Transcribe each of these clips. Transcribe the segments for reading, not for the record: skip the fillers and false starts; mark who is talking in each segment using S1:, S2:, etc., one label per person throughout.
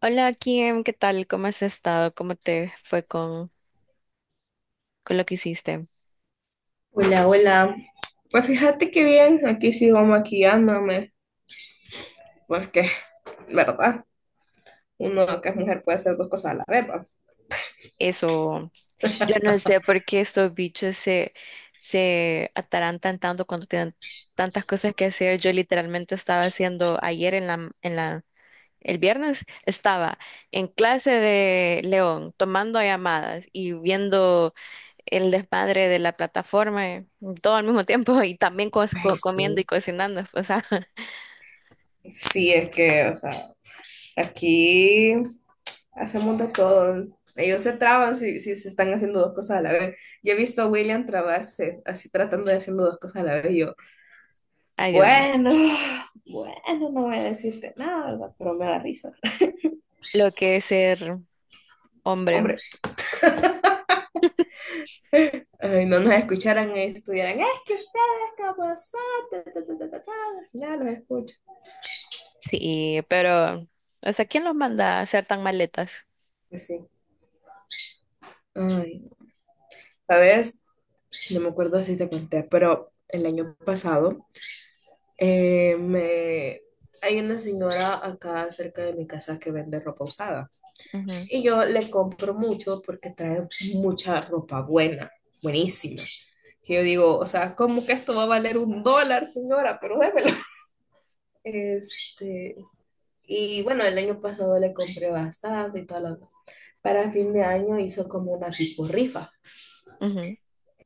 S1: Hola Kim, ¿qué tal? ¿Cómo has estado? ¿Cómo te fue con lo que hiciste?
S2: Hola, hola. Pues fíjate que bien, aquí sigo maquillándome, porque, ¿verdad? Uno que es mujer puede hacer dos cosas a la vez, ¿va?
S1: Eso, yo no sé por qué estos bichos se atarantan tanto cuando tienen tantas cosas que hacer. Yo literalmente estaba haciendo ayer el viernes, estaba en clase de León, tomando llamadas y viendo el desmadre de la plataforma, todo al mismo tiempo y también
S2: Ay,
S1: comiendo y
S2: sí.
S1: cocinando. O sea,
S2: Sí, es que, o sea, aquí hacemos de todo. Ellos se traban si se están haciendo dos cosas a la vez. Yo he visto a William trabarse, así tratando de haciendo dos cosas a la vez. Y yo,
S1: ay Dios mío,
S2: bueno, bueno, no voy a decirte nada, ¿verdad? Pero me da risa.
S1: lo que es ser. Hombre,
S2: Hombre, ay, no nos escucharan y estuvieran, es que ustedes como son, ta, ta, ta, ta, ta, ta. Ya los escucho.
S1: sí, pero, o sea, ¿quién los manda a hacer tan maletas?
S2: Pues sí. Ay, ¿sabes? No me acuerdo si te conté, pero el año pasado eh, me... hay una señora acá cerca de mi casa que vende ropa usada
S1: Ujú,
S2: y yo le compro mucho porque trae mucha ropa buena, buenísima. Que yo digo, o sea, ¿cómo que esto va a valer un dólar, señora? Pero démelo. Este, Y bueno, el año pasado le compré bastante y todo lo para fin de año hizo como una tipo rifa,
S1: ujú,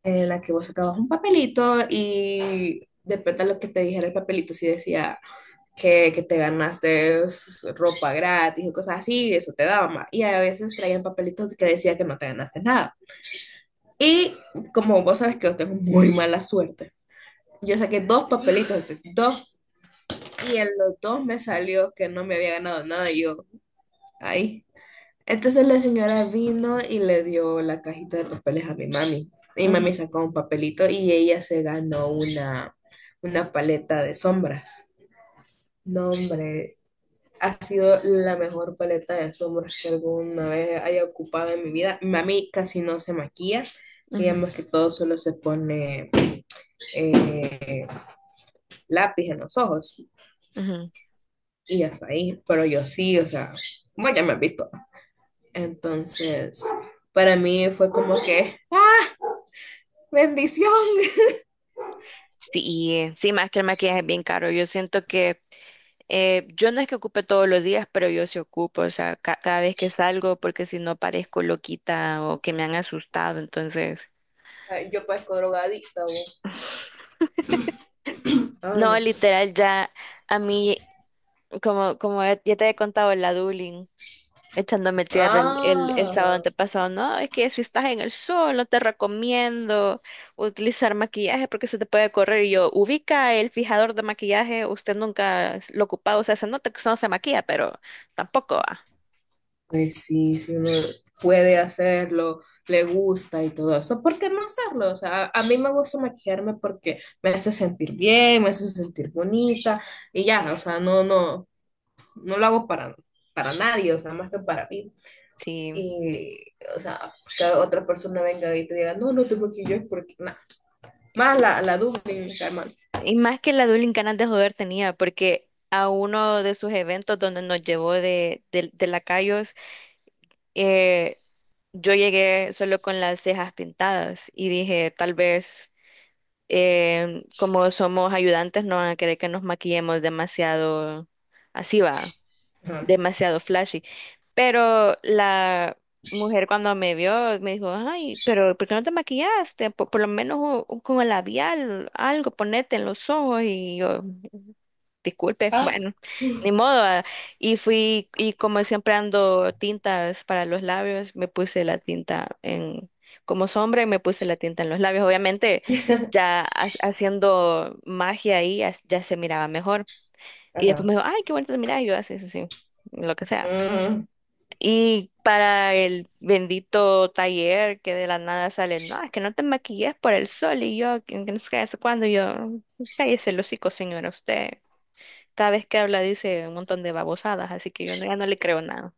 S2: en la que vos sacabas un papelito y depende de lo que te dijera el papelito, si decía que te ganaste ropa gratis o cosas así, eso te daba más. Y a veces traían papelitos que decía que no te ganaste nada. Y como vos sabes que yo tengo muy mala suerte, yo saqué dos papelitos, dos, y en los dos me salió que no me había ganado nada. Y yo, ahí. Entonces la señora vino y le dio la cajita de papeles a mi mami. Mi
S1: ujú,
S2: mami sacó un papelito y ella se ganó una paleta de sombras. No, hombre, ha sido la mejor paleta de sombras que alguna vez haya ocupado en mi vida. Mi mami casi no se maquilla, ella
S1: ujú,
S2: más que todo solo se pone eh, lápiz en los ojos
S1: ujú.
S2: y hasta ahí. Pero yo sí, o sea, bueno, ya me has visto. Entonces, para mí fue como que bendición.
S1: Sí, sí, más que el maquillaje es bien caro. Yo siento que yo no es que ocupe todos los días, pero yo sí ocupo, o sea, cada vez que salgo, porque si no parezco loquita o que me han asustado, entonces.
S2: Ay, yo parezco drogadicta, vos.
S1: No,
S2: Ay.
S1: literal, ya a mí, como ya te he contado, la dueling echándome tierra el sábado
S2: Ah,
S1: antepasado. No, es que si estás en el sol, no te recomiendo utilizar maquillaje porque se te puede correr. Y yo, ubica el fijador de maquillaje, usted nunca lo ha ocupado, o sea, se nota que usted no se maquilla, pero tampoco va.
S2: pues sí, si uno puede hacerlo, le gusta y todo eso, ¿por qué no hacerlo? O sea, a mí me gusta maquillarme porque me hace sentir bien, me hace sentir bonita y ya, o sea, no, no, no lo hago para nadie, o sea, más que para mí.
S1: Sí.
S2: Y, o sea, que otra persona venga y te diga, no, no te maquilles porque, nada, más la duda y me cae mal.
S1: Y más que la Dueling ganas de joder tenía, porque a uno de sus eventos donde nos llevó de, de lacayos, eh, yo llegué solo con las cejas pintadas y dije, tal vez como somos ayudantes, no van a querer que nos maquillemos demasiado así va,
S2: Ajá.
S1: demasiado flashy. Pero la mujer cuando me vio me dijo, ay, pero ¿por qué no te maquillaste? Por lo menos con el labial, algo, ponete en los ojos. Y yo, disculpe,
S2: Ah,
S1: bueno, ni modo. Ah. Y fui, y como siempre ando tintas para los labios, me puse la tinta en, como sombra y me puse la tinta en los labios. Obviamente, ya haciendo magia ahí, ya se miraba mejor. Y después
S2: ajá.
S1: me dijo, ay, qué bonito, mira, y yo así, sí, sí, lo que sea.
S2: Mm.
S1: Y para el bendito taller que de la nada sale, no, es que no te maquilles por el sol. Y yo, que no sé qué, hace cuándo, y yo, cállese el hocico, señora, usted. Cada vez que habla dice un montón de babosadas, así que yo ya no le creo nada.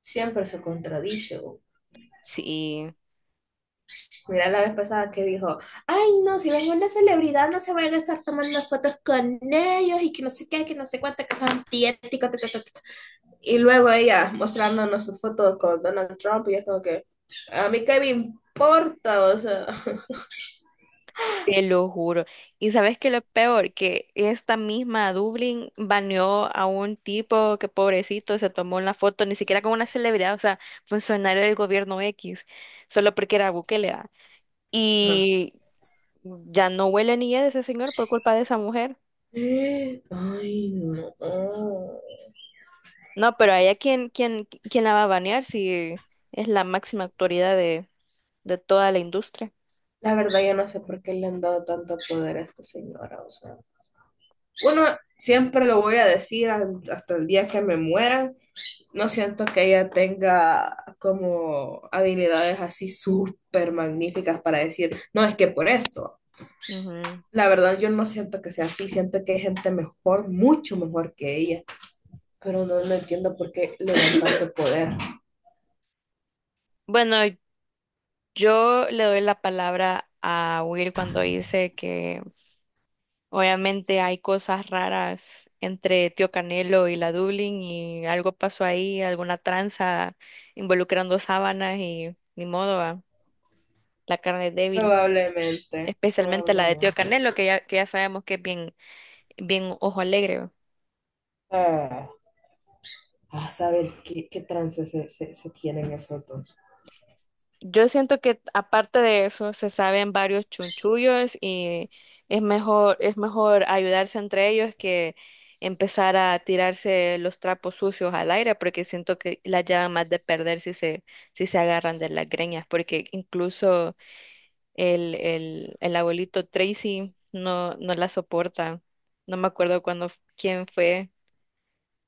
S2: Siempre se contradice.
S1: Sí.
S2: Mira la vez pasada que dijo, ay no, si ven una celebridad no se van a estar tomando fotos con ellos y que no sé qué, que no sé cuánta cosa antiética, ta. Y luego ella mostrándonos sus fotos con Donald Trump y es como que, a mí qué me importa, o sea.
S1: Te lo juro. Y sabes que lo peor, que esta misma Dublín baneó a un tipo que pobrecito se tomó una foto, ni siquiera con una celebridad, o sea, funcionario del gobierno X, solo porque era Bukele, ¿va?
S2: Ajá.
S1: Y ya no huele ni de ese señor por culpa de esa mujer.
S2: Ay, no. Oh.
S1: No, pero a ella quién la va a banear si es la máxima autoridad de toda la industria.
S2: La verdad, yo no sé por qué le han dado tanto poder a esta señora, o sea. Bueno, siempre lo voy a decir hasta el día que me muera. No siento que ella tenga como habilidades así súper magníficas para decir, no, es que por esto.
S1: Ujú.
S2: La verdad, yo no siento que sea así, siento que hay gente mejor, mucho mejor que ella, pero no, no entiendo por qué le dan tanto poder.
S1: Bueno, yo le doy la palabra a Will cuando dice que obviamente hay cosas raras entre Tío Canelo y la Dublín y algo pasó ahí, alguna tranza involucrando sábanas y ni modo, va. La carne es débil,
S2: Probablemente,
S1: especialmente la de Tío
S2: probablemente.
S1: Canelo, que ya sabemos que es bien, bien ojo alegre.
S2: Ah, a saber qué, trance se, se, se tienen esos dos.
S1: Yo siento que aparte de eso se saben varios chunchullos y es mejor ayudarse entre ellos que empezar a tirarse los trapos sucios al aire, porque siento que la llevan más de perder si se agarran de las greñas, porque incluso el abuelito Tracy no la soporta. No me acuerdo cuándo, quién fue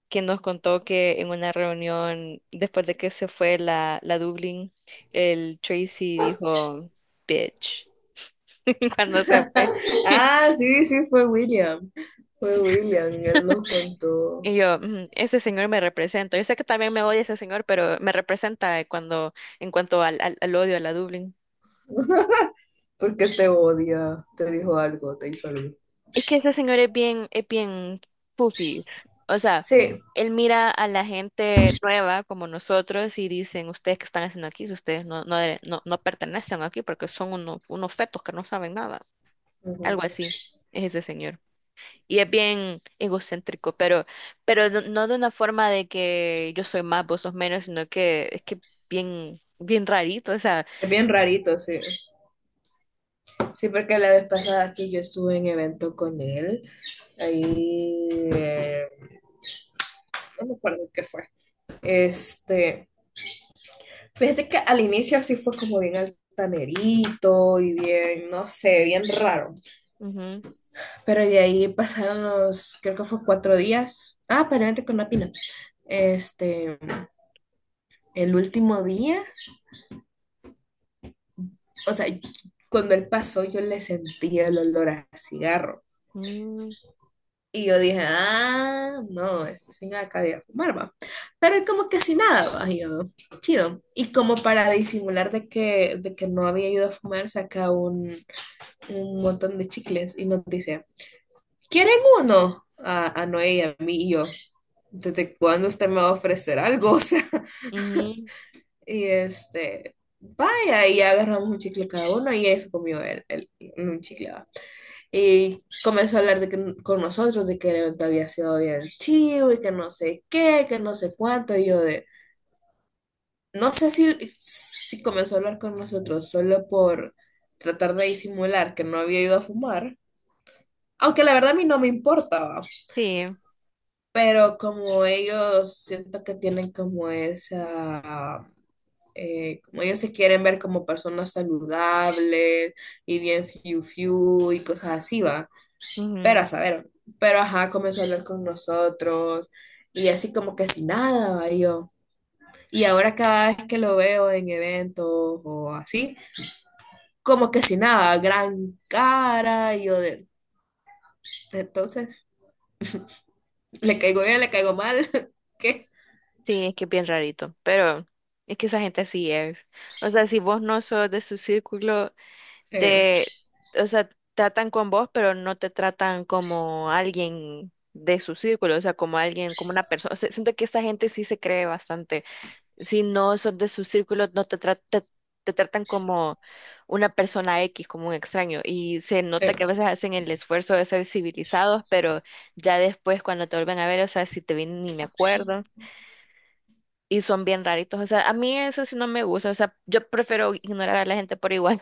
S1: que nos contó que en una reunión, después de que se fue la Dublin, el Tracy dijo, bitch, cuando se fue.
S2: Ah, sí, sí, fue William. Fue William, él lo contó.
S1: Y yo, "Mm, ese señor me representa. Yo sé que también me odia ese señor, pero me representa cuando, en cuanto al odio a la Dublin."
S2: ¿Por qué te odia? ¿Te dijo algo? ¿Te hizo algo?
S1: Es que ese señor es bien fufis. O sea,
S2: Sí,
S1: él mira a la gente nueva como nosotros y dicen, ustedes qué están haciendo aquí, ustedes no pertenecen aquí porque son unos, unos fetos que no saben nada.
S2: ujú.
S1: Algo así es ese señor. Y es bien egocéntrico, pero no de una forma de que yo soy más, vos sos menos, sino que es que bien, bien rarito, o sea.
S2: Es bien rarito, sí. Sí, porque la vez pasada que yo estuve en evento con él, ahí, no me acuerdo qué fue. Este, fíjate que al inicio sí fue como bien altanerito y bien, no sé, bien raro.
S1: Ujú,
S2: Pero de ahí pasaron los, creo que fue cuatro días. Ah, pero con la pina. Este, el último día, o sea, cuando él pasó yo le sentía el olor a cigarro.
S1: mm,
S2: Y yo dije, ah, no, este sin acá de fumar, va. Pero él como que sin nada, va. Y yo, chido. Y como para disimular de que no había ido a fumar, saca un montón de chicles y nos dice, ¿quieren uno? A Noé y a mí y yo, ¿desde cuándo usted me va a ofrecer algo? O sea,
S1: ujú,
S2: y este, vaya, y agarramos un chicle cada uno y eso comió él un chicle. Y comenzó a hablar con nosotros de que el evento había sido bien chivo y que no sé qué, que no sé cuánto. Y yo de, no sé si, si comenzó a hablar con nosotros solo por tratar de disimular que no había ido a fumar. Aunque la verdad a mí no me importaba,
S1: sí,
S2: pero como ellos siento que tienen como esa, como ellos se quieren ver como personas saludables y bien fiu fiu y cosas así, ¿va? Pero
S1: ujú,
S2: a saber, pero ajá, comenzó a hablar con nosotros y así como que sin nada, va, y yo. Y ahora cada vez que lo veo en eventos o así, como que sin nada, gran cara, y yo de, entonces, le caigo bien, le caigo mal, ¿qué?
S1: sí, es que es bien rarito, pero es que esa gente así es. O sea, si vos no sos de su círculo,
S2: Eh,
S1: te, o sea, tratan con vos, pero no te tratan como alguien de su círculo, o sea, como alguien, como una persona. O sea, siento que esa gente sí se cree bastante. Si no sos de su círculo, no te tratan como una persona X, como un extraño. Y se
S2: eh,
S1: nota que a veces hacen el esfuerzo de ser civilizados, pero ya después cuando te vuelven a ver, o sea, si te ven ni me acuerdo. Y son bien raritos. O sea, a mí eso sí no me gusta. O sea, yo prefiero ignorar a la gente por igual.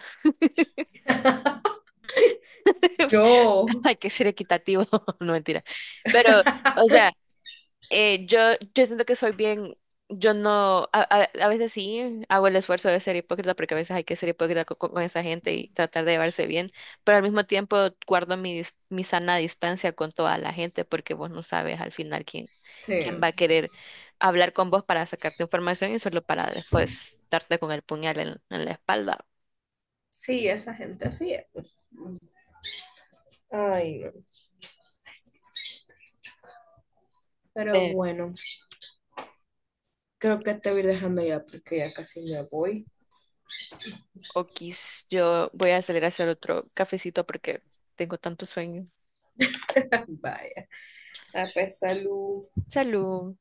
S2: yo,
S1: Hay que ser equitativo, no mentira. Pero, o sea, yo, yo siento que soy bien, yo no, a veces sí hago el esfuerzo de ser hipócrita porque a veces hay que ser hipócrita con, esa gente y tratar de llevarse bien, pero al mismo tiempo guardo mi, mi sana distancia con toda la gente porque vos no sabes al final quién, quién
S2: sí,
S1: va a querer hablar con vos para sacarte información y solo para después darte con el puñal en la espalda.
S2: sí, esa gente así es. Ay, no. Pero
S1: Pero,
S2: bueno, creo que te voy dejando ya porque ya casi me voy.
S1: okis, yo voy a salir a hacer otro cafecito porque tengo tanto sueño.
S2: Vaya, a pesar, salud.
S1: Salud.